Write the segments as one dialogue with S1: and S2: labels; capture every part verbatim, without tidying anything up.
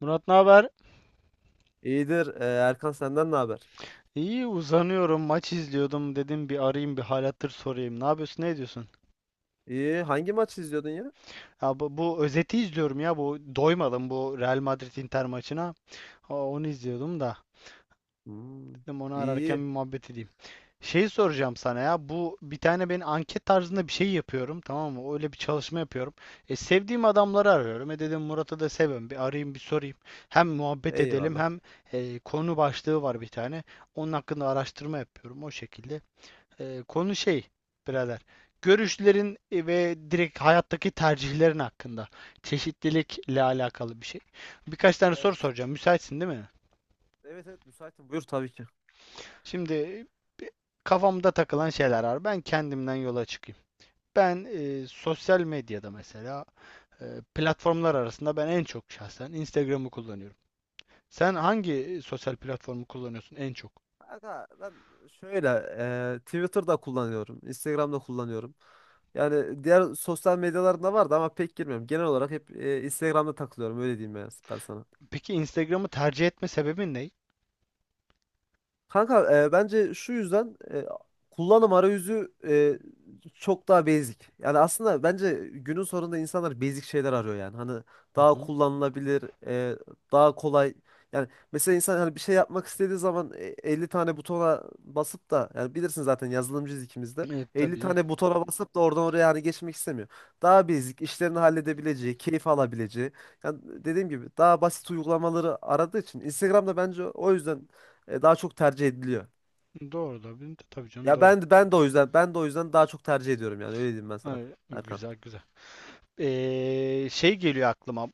S1: Murat ne haber?
S2: İyidir. Ee, Erkan, senden ne haber?
S1: İyi uzanıyorum, maç izliyordum, dedim bir arayayım, bir hal hatır sorayım. Ne yapıyorsun ne ediyorsun?
S2: İyi. Hangi maçı izliyordun ya?
S1: Ya bu, bu özeti izliyorum ya, bu doymadım bu Real Madrid Inter maçına. Ha, onu izliyordum da
S2: Hmm.
S1: dedim onu
S2: İyi,
S1: ararken
S2: iyi.
S1: bir muhabbet edeyim. Şey soracağım sana, ya bu bir tane ben anket tarzında bir şey yapıyorum, tamam mı? Öyle bir çalışma yapıyorum. E, sevdiğim adamları arıyorum. E dedim Murat'ı da seviyorum, bir arayayım bir sorayım. Hem muhabbet edelim
S2: Eyvallah.
S1: hem e, konu başlığı var bir tane. Onun hakkında araştırma yapıyorum, o şekilde. Ee, konu şey, birader. Görüşlerin e, ve direkt hayattaki tercihlerin hakkında. Çeşitlilikle alakalı bir şey. Birkaç tane soru
S2: Evet.
S1: soracağım. Müsaitsin değil mi?
S2: Evet evet müsaitim. Buyur tabii ki.
S1: Şimdi kafamda takılan şeyler var. Ben kendimden yola çıkayım. Ben e, sosyal medyada mesela e, platformlar arasında ben en çok şahsen Instagram'ı kullanıyorum. Sen hangi e, sosyal platformu kullanıyorsun en çok?
S2: Kanka, ben şöyle e, Twitter'da kullanıyorum. Instagram'da kullanıyorum. Yani diğer sosyal medyalarında vardı ama pek girmiyorum. Genel olarak hep e, Instagram'da takılıyorum. Öyle diyeyim ben, ben sana.
S1: Peki Instagram'ı tercih etme sebebin ne?
S2: Kanka, e, bence şu yüzden, e, kullanım arayüzü e, çok daha basic. Yani aslında bence günün sonunda insanlar basic şeyler arıyor yani. Hani
S1: Hı
S2: daha
S1: hı.
S2: kullanılabilir, e, daha kolay. Yani mesela insan hani bir şey yapmak istediği zaman e, elli tane butona basıp da, yani bilirsin zaten yazılımcıyız ikimiz de.
S1: Evet,
S2: elli
S1: tabii canım.
S2: tane butona basıp da oradan oraya hani geçmek istemiyor. Daha basic, işlerini halledebileceği, keyif alabileceği. Yani dediğim gibi daha basit uygulamaları aradığı için Instagram'da bence o yüzden e, daha çok tercih ediliyor.
S1: Doğru da, tabii canım,
S2: Ya
S1: doğru.
S2: ben de ben de o yüzden, ben de o yüzden daha çok tercih ediyorum yani. Öyle diyeyim ben sana,
S1: Ay,
S2: Erkan.
S1: güzel güzel. Ee, şey geliyor aklıma.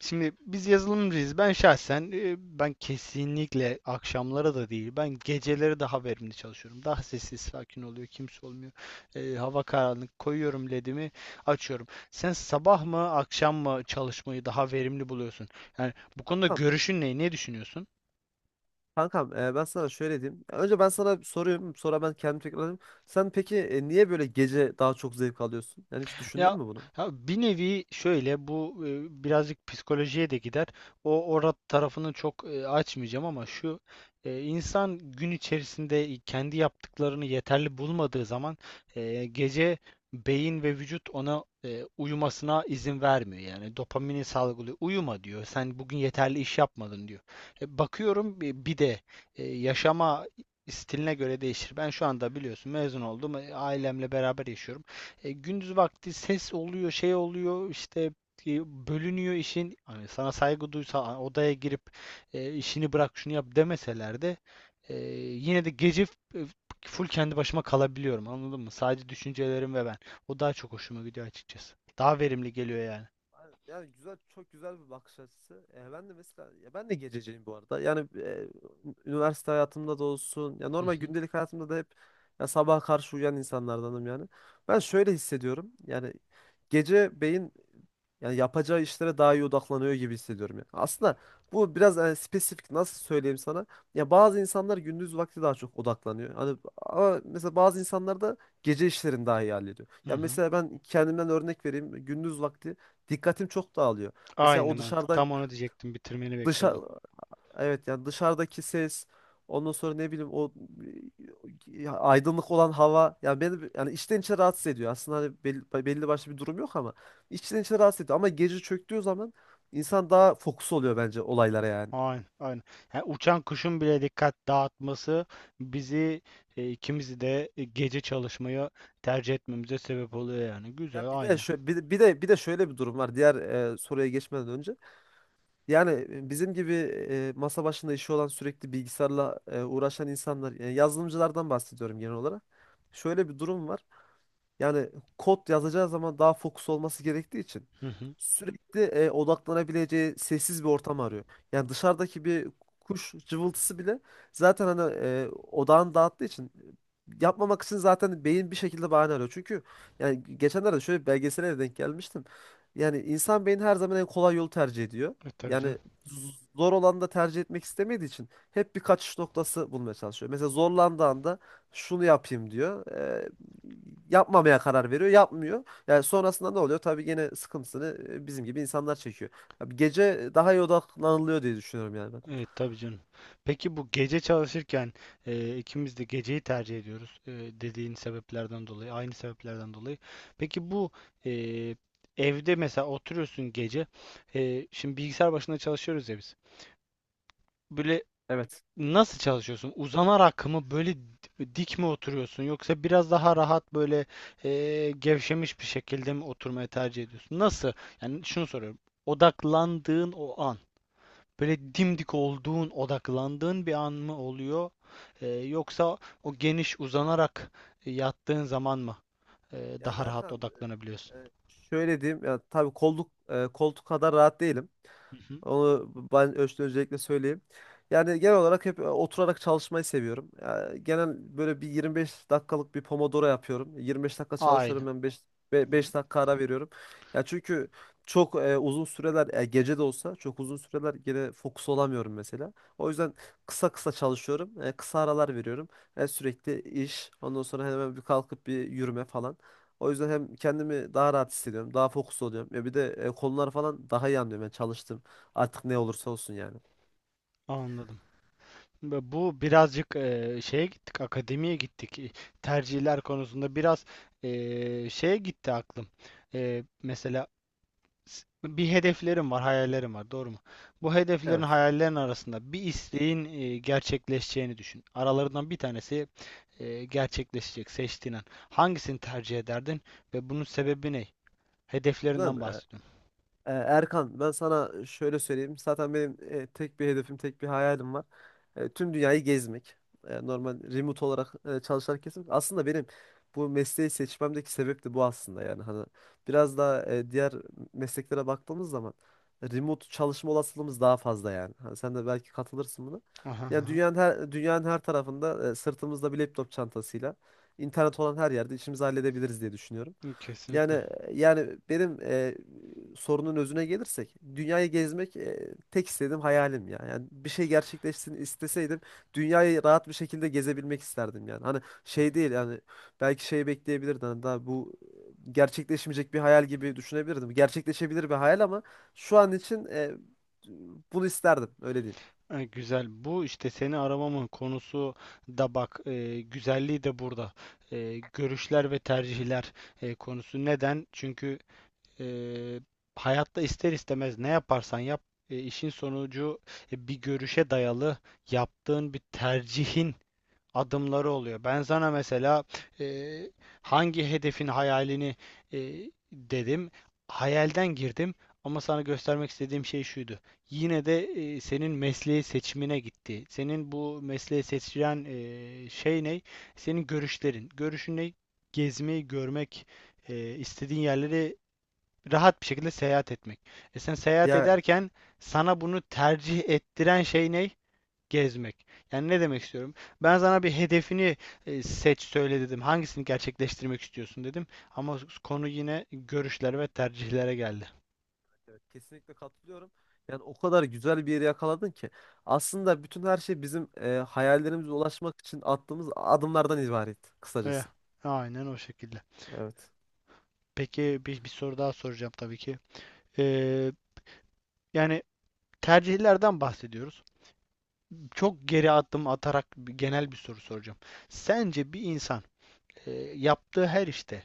S1: Şimdi biz yazılımcıyız. Ben şahsen e, ben kesinlikle akşamlara da değil. Ben geceleri daha verimli çalışıyorum. Daha sessiz sakin oluyor. Kimse olmuyor. Ee, hava karanlık. Koyuyorum ledimi. Açıyorum. Sen sabah mı akşam mı çalışmayı daha verimli buluyorsun? Yani bu konuda
S2: Kankam,
S1: görüşün ne? Ne düşünüyorsun?
S2: kankam e, ben sana şöyle diyeyim. Önce ben sana bir sorayım, sonra ben kendim tekrarlayayım. Sen peki e, niye böyle gece daha çok zevk alıyorsun? Yani hiç düşündün
S1: Ya,
S2: mü bunu?
S1: ha, bir nevi şöyle bu e, birazcık psikolojiye de gider. O orada tarafını çok e, açmayacağım ama şu e, insan gün içerisinde kendi yaptıklarını yeterli bulmadığı zaman e, gece beyin ve vücut ona e, uyumasına izin vermiyor. Yani dopamini salgılıyor. Uyuma diyor. Sen bugün yeterli iş yapmadın diyor. E, bakıyorum bir bir de e, yaşama stiline göre değişir. Ben şu anda biliyorsun mezun oldum. E, Ailemle beraber yaşıyorum. E, gündüz vakti ses oluyor, şey oluyor, işte e, bölünüyor işin. Hani sana saygı duysa a- odaya girip e, işini bırak şunu yap demeseler de e, yine de gece f- e, full kendi başıma kalabiliyorum. Anladın mı? Sadece düşüncelerim ve ben. O daha çok hoşuma gidiyor, açıkçası. Daha verimli geliyor yani.
S2: Aynen. Yani güzel, çok güzel bir bakış açısı. E, ben de mesela, ya ben de gececiyim bu arada. Yani e, üniversite hayatımda da olsun, ya
S1: Hı
S2: normal
S1: hı.
S2: gündelik hayatımda da hep ya sabaha karşı uyuyan insanlardanım yani. Ben şöyle hissediyorum. Yani gece beyin yani yapacağı işlere daha iyi odaklanıyor gibi hissediyorum ya. Aslında bu biraz e, spesifik, nasıl söyleyeyim sana? Ya bazı insanlar gündüz vakti daha çok odaklanıyor. Hani ama mesela bazı insanlar da gece işlerini daha iyi hallediyor.
S1: Hı
S2: Ya
S1: hı.
S2: mesela ben kendimden örnek vereyim. Gündüz vakti dikkatim çok dağılıyor. Mesela
S1: Aynı
S2: o
S1: mantık.
S2: dışarıdan
S1: Tam onu diyecektim. Bitirmeni
S2: dışa
S1: bekliyordum.
S2: evet yani dışarıdaki ses, ondan sonra ne bileyim o e, ya aydınlık olan hava yani beni, yani içten içe rahatsız ediyor. Aslında hani belli, belli başlı bir durum yok ama içten içe rahatsız ediyor. Ama gece çöktüğü zaman insan daha fokus oluyor bence olaylara yani.
S1: Aynen, aynen. Yani uçan kuşun bile dikkat dağıtması bizi e, ikimizi de e, gece çalışmaya tercih etmemize sebep oluyor yani. Güzel,
S2: Ya bir de
S1: aynı.
S2: şöyle bir, de bir de bir de şöyle bir durum var diğer e, soruya geçmeden önce. Yani e, bizim gibi e, masa başında işi olan, sürekli bilgisayarla e, uğraşan insanlar, yani yazılımcılardan bahsediyorum genel olarak. Şöyle bir durum var. Yani kod yazacağı zaman daha fokus olması gerektiği için
S1: Hı hı.
S2: sürekli e, odaklanabileceği sessiz bir ortam arıyor. Yani dışarıdaki bir kuş cıvıltısı bile zaten hani e, odağını dağıttığı için, yapmamak için zaten beyin bir şekilde bahane arıyor. Çünkü yani geçenlerde şöyle bir belgesele de denk gelmiştim. Yani insan beyni her zaman en kolay yolu tercih ediyor.
S1: E, tabii canım.
S2: Yani zor olanı da tercih etmek istemediği için hep bir kaçış noktası bulmaya çalışıyor. Mesela zorlandığı anda şunu yapayım diyor. E, Yapmamaya karar veriyor. Yapmıyor. Yani sonrasında ne oluyor? Tabii gene sıkıntısını e, bizim gibi insanlar çekiyor. Abi gece daha iyi odaklanılıyor diye düşünüyorum yani ben.
S1: Evet, tabii canım. Peki bu gece çalışırken e, ikimiz de geceyi tercih ediyoruz, e, dediğin sebeplerden dolayı, aynı sebeplerden dolayı. Peki bu e, evde mesela oturuyorsun gece, e, şimdi bilgisayar başında çalışıyoruz ya biz. Böyle
S2: Evet.
S1: nasıl çalışıyorsun? Uzanarak mı, böyle di- dik mi oturuyorsun, yoksa biraz daha rahat, böyle eee, gevşemiş bir şekilde mi oturmayı tercih ediyorsun? Nasıl? Yani şunu soruyorum. Odaklandığın o an, böyle dimdik olduğun, odaklandığın bir an mı oluyor? Eee, yoksa o geniş uzanarak e, yattığın zaman mı eee,
S2: Yani
S1: daha rahat
S2: Erkan,
S1: odaklanabiliyorsun?
S2: e, e, şöyle diyeyim. Yani tabii kolluk, e, koltuk kadar rahat değilim.
S1: Hı hı.
S2: Onu ben Öztürk'e özellikle söyleyeyim. Yani genel olarak hep e, oturarak çalışmayı seviyorum. Ya, genel böyle bir yirmi beş dakikalık bir Pomodoro yapıyorum. yirmi beş dakika
S1: Aynen.
S2: çalışıyorum, ben beş beş dakika ara veriyorum. Ya çünkü çok e, uzun süreler, e, gece de olsa çok uzun süreler gene fokus olamıyorum mesela. O yüzden kısa kısa çalışıyorum, e, kısa aralar veriyorum. E, sürekli iş, ondan sonra hemen bir kalkıp bir yürüme falan. O yüzden hem kendimi daha rahat hissediyorum, daha fokus oluyorum. Ya bir de e, konular falan daha iyi anlıyorum. Yani çalıştım. Artık ne olursa olsun yani.
S1: Anladım. Ve bu birazcık eee, şeye gittik, akademiye gittik. E, Tercihler konusunda biraz eee, şeye gitti aklım. Eee, mesela s- bir hedeflerim var, hayallerim var, doğru mu? Bu hedeflerin,
S2: Evet.
S1: hayallerin arasında bir isteğin eee, gerçekleşeceğini düşün. Aralarından bir tanesi eee, gerçekleşecek, seçtiğin an. Hangisini tercih ederdin ve bunun sebebi ne?
S2: Ulan
S1: Hedeflerinden
S2: e,
S1: bahsediyorum.
S2: e, Erkan, ben sana şöyle söyleyeyim. Zaten benim e, tek bir hedefim, tek bir hayalim var. E, tüm dünyayı gezmek. E, normal remote olarak e, çalışarak gezmek. Aslında benim bu mesleği seçmemdeki sebep de bu aslında yani. Hani biraz daha e, diğer mesleklere baktığımız zaman remote çalışma olasılığımız daha fazla yani. Hani sen de belki katılırsın buna.
S1: Aha,
S2: Yani
S1: aha.
S2: dünyanın her dünyanın her tarafında e, sırtımızda bir laptop çantasıyla internet olan her yerde işimizi halledebiliriz diye düşünüyorum. Yani
S1: Kesinlikle.
S2: e, yani benim e, sorunun özüne gelirsek dünyayı gezmek e, tek istediğim hayalim ya. Yani bir şey gerçekleşsin isteseydim, dünyayı rahat bir şekilde gezebilmek isterdim yani. Hani şey değil yani, belki şey bekleyebilirdim, hani daha bu e, gerçekleşmeyecek bir hayal gibi düşünebilirdim. Gerçekleşebilir bir hayal ama şu an için e, bunu isterdim, öyle diyeyim.
S1: E, Güzel. Bu işte seni aramamın konusu da bak, e, güzelliği de burada. E, görüşler ve tercihler e, konusu. Neden? Çünkü e, hayatta ister istemez ne yaparsan yap, e, işin sonucu e, bir görüşe dayalı yaptığın bir tercihin adımları oluyor. Ben sana mesela eee, hangi hedefin hayalini eee, dedim. Hayalden girdim ama sana göstermek istediğim şey şuydu. Yine de eee, senin mesleği seçimine gitti. Senin bu mesleği seçilen eee, şey ne? Senin görüşlerin. Görüşün ne? Gezmeyi, görmek, eee, istediğin yerleri rahat bir şekilde seyahat etmek. E sen seyahat
S2: Ya,
S1: ederken sana bunu tercih ettiren şey ne? Gezmek. Yani ne demek istiyorum? Ben sana bir hedefini e, seç söyle dedim. Hangisini gerçekleştirmek istiyorsun dedim. Ama konu yine görüşler ve tercihlere geldi.
S2: evet, kesinlikle katılıyorum. Yani o kadar güzel bir yeri yakaladın ki. Aslında bütün her şey bizim e, hayallerimize ulaşmak için attığımız adımlardan ibaret
S1: Eh,
S2: kısacası.
S1: aynen o şekilde.
S2: Evet.
S1: Peki bir, bir soru daha soracağım tabii ki. Ee, Yani tercihlerden bahsediyoruz. Çok geri adım atarak bir- genel bir soru soracağım. Sence bir insan e, yaptığı her işte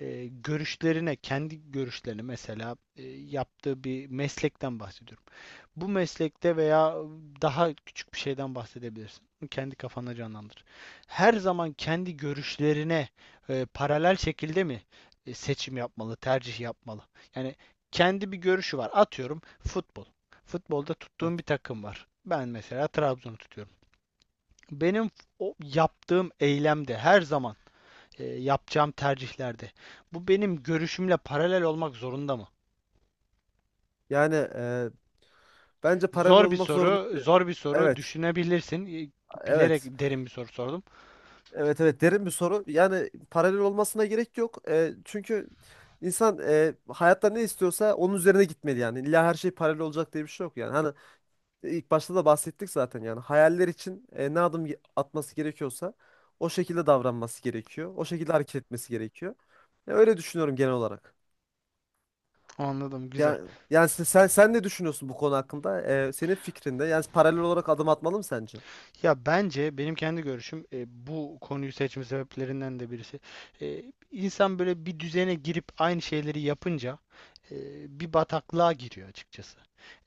S1: e, görüşlerine, kendi görüşlerine, mesela e, yaptığı bir meslekten bahsediyorum. Bu meslekte veya daha küçük bir şeyden bahsedebilirsin. Kendi kafana canlandır. Her zaman kendi görüşlerine e, paralel şekilde mi e, seçim yapmalı, tercih yapmalı? Yani kendi bir görüşü var. Atıyorum, futbol. Futbolda
S2: Evet.
S1: tuttuğum bir takım var. Ben mesela Trabzon'u tutuyorum. Benim o yaptığım eylemde her zaman e, yapacağım tercihlerde bu benim görüşümle paralel olmak zorunda mı?
S2: Yani, e, bence paralel
S1: Zor bir
S2: olmak
S1: soru,
S2: zorundaydı.
S1: zor bir soru.
S2: Evet.
S1: Düşünebilirsin. Bilerek
S2: Evet.
S1: derin bir soru sordum.
S2: Evet, evet, derin bir soru. Yani paralel olmasına gerek yok. E, çünkü insan e, hayatta ne istiyorsa onun üzerine gitmeli yani. İlla her şey paralel olacak diye bir şey yok yani. Hani İlk başta da bahsettik zaten, yani hayaller için e, ne adım ge- atması gerekiyorsa o şekilde davranması gerekiyor. O şekilde hareket etmesi gerekiyor. Ya öyle düşünüyorum genel olarak.
S1: Anladım, güzel.
S2: Ya, yani sen, sen sen ne düşünüyorsun bu konu hakkında? E, senin fikrinde yani paralel olarak adım atmalı mı sence?
S1: Ya bence benim kendi görüşüm e, bu konuyu seçme sebeplerinden de birisi. E, insan böyle bir düzene girip aynı şeyleri yapınca e, bir bataklığa giriyor, açıkçası.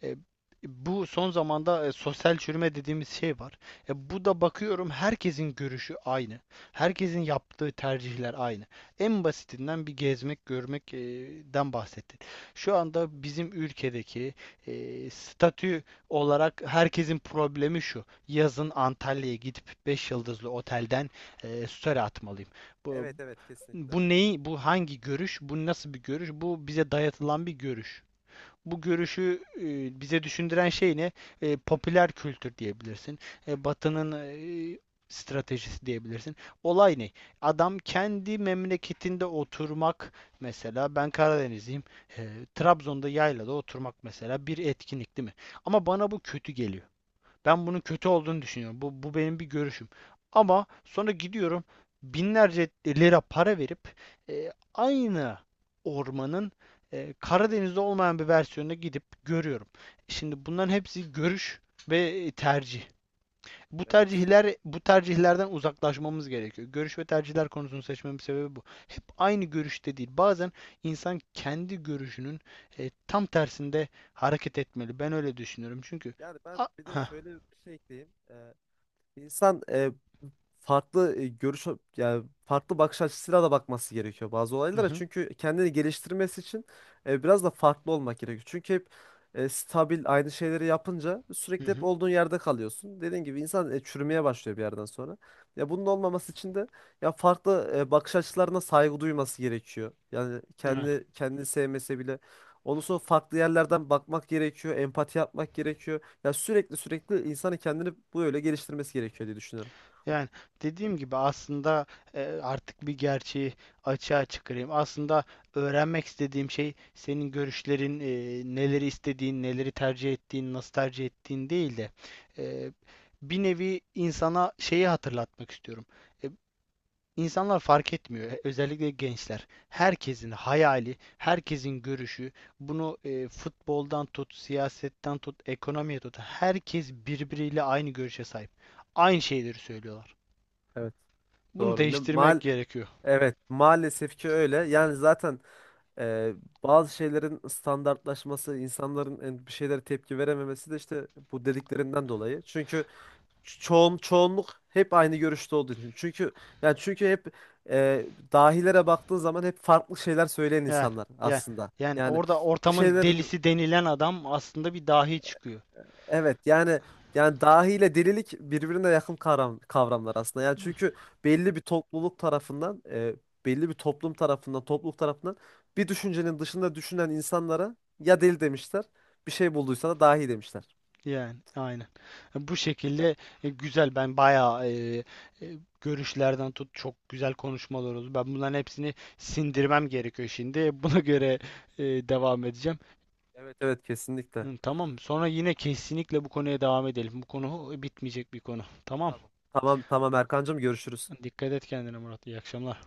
S1: E, Bu son zamanda e, sosyal çürüme dediğimiz şey var. E, bu da bakıyorum, herkesin görüşü aynı. Herkesin yaptığı tercihler aynı. En basitinden bir gezmek, görmekten e, bahsettin. Şu anda bizim ülkedeki e, statü olarak herkesin problemi şu. Yazın Antalya'ya gidip beş yıldızlı otelden eee story atmalıyım. Bu,
S2: Evet, evet kesinlikle.
S1: bu neyi, bu hangi görüş, bu nasıl bir görüş, bu bize dayatılan bir görüş. Bu görüşü eee, bize düşündüren şey ne? Eee, popüler kültür diyebilirsin. E, Batı'nın eee, stratejisi diyebilirsin. Olay ne? Adam kendi memleketinde oturmak, mesela ben Karadenizliyim. eee, Trabzon'da yaylada oturmak mesela bir etkinlik değil mi? Ama bana bu kötü geliyor. Ben bunun kötü olduğunu düşünüyorum. Bu, bu benim bir görüşüm. Ama sonra gidiyorum binlerce lira para verip e, aynı ormanın e, Karadeniz'de olmayan bir versiyonuna gidip görüyorum. Şimdi bunların hepsi görüş ve tercih. Bu
S2: Evet.
S1: tercihler bu tercihlerden uzaklaşmamız gerekiyor. Görüş ve tercihler konusunu seçmemin sebebi bu. Aynı görüşte değil. Bazen insan kendi görüşünün e, tam tersinde hareket etmeli. Ben öyle düşünüyorum. Çünkü
S2: Yani ben
S1: A-
S2: bir de
S1: heh,
S2: şöyle bir şey ekleyeyim. Ee, insan e, farklı e, görüş yani farklı bakış açısıyla da bakması gerekiyor bazı
S1: hı
S2: olaylara.
S1: hı,
S2: Çünkü kendini geliştirmesi için e, biraz da farklı olmak gerekiyor. Çünkü hep e, stabil aynı şeyleri yapınca
S1: hı
S2: sürekli hep
S1: hı.
S2: olduğun yerde kalıyorsun. Dediğim gibi insan e, çürümeye başlıyor bir yerden sonra. Ya bunun olmaması için de ya farklı e, bakış açılarına saygı duyması gerekiyor. Yani
S1: Yani,
S2: kendi kendini sevmese bile ondan sonra farklı yerlerden bakmak gerekiyor, empati yapmak gerekiyor. Ya sürekli sürekli insanın kendini böyle geliştirmesi gerekiyor diye düşünüyorum.
S1: yani dediğim gibi aslında e, artık bir gerçeği açığa çıkarayım. Aslında öğrenmek istediğim şey senin görüşlerin, e, neleri istediğin, neleri tercih ettiğin, nasıl tercih ettiğin değil de e, bir nevi insana şeyi hatırlatmak istiyorum. E, İnsanlar fark etmiyor. e, Özellikle gençler. Herkesin hayali, herkesin görüşü, bunu e, futboldan tut, siyasetten tut, ekonomiye tut. Herkes birbiriyle aynı görüşe sahip. Aynı şeyleri söylüyorlar.
S2: Evet.
S1: Bunu
S2: Doğru. Ne,
S1: değiştirmek
S2: maal
S1: gerekiyor.
S2: evet, maalesef ki öyle. Yani zaten e, bazı şeylerin standartlaşması, insanların en- bir şeylere tepki verememesi de işte bu dediklerinden dolayı. Çünkü ço- çoğun çoğunluk hep aynı görüşte olduğu için. Çünkü yani çünkü hep e, dahilere baktığın zaman hep farklı şeyler söyleyen
S1: Yani,
S2: insanlar
S1: yani,
S2: aslında.
S1: yani
S2: Yani
S1: orada
S2: bir
S1: ortamın
S2: şeylerin
S1: delisi denilen adam aslında bir dahi çıkıyor.
S2: evet yani, yani dahi ile delilik birbirine yakın kavram, kavramlar aslında. Yani çünkü belli bir topluluk tarafından, e, belli bir toplum tarafından, topluluk tarafından bir düşüncenin dışında düşünen insanlara ya deli demişler, bir şey bulduysa da dahi demişler.
S1: Yani aynen. E, Bu şekilde e, güzel, ben bayağı e, e, görüşlerden tut, çok güzel konuşmalar oldu. Ben bunların hepsini sindirmem gerekiyor şimdi. E, Buna göre e, devam edeceğim.
S2: Evet, evet kesinlikle.
S1: Hı, tamam. Sonra yine kesinlikle bu konuya devam edelim. Bu konu bitmeyecek bir konu. Tamam.
S2: Tamam. Tamam tamam Erkancığım, görüşürüz.
S1: Dikkat et kendine, Murat. İyi akşamlar.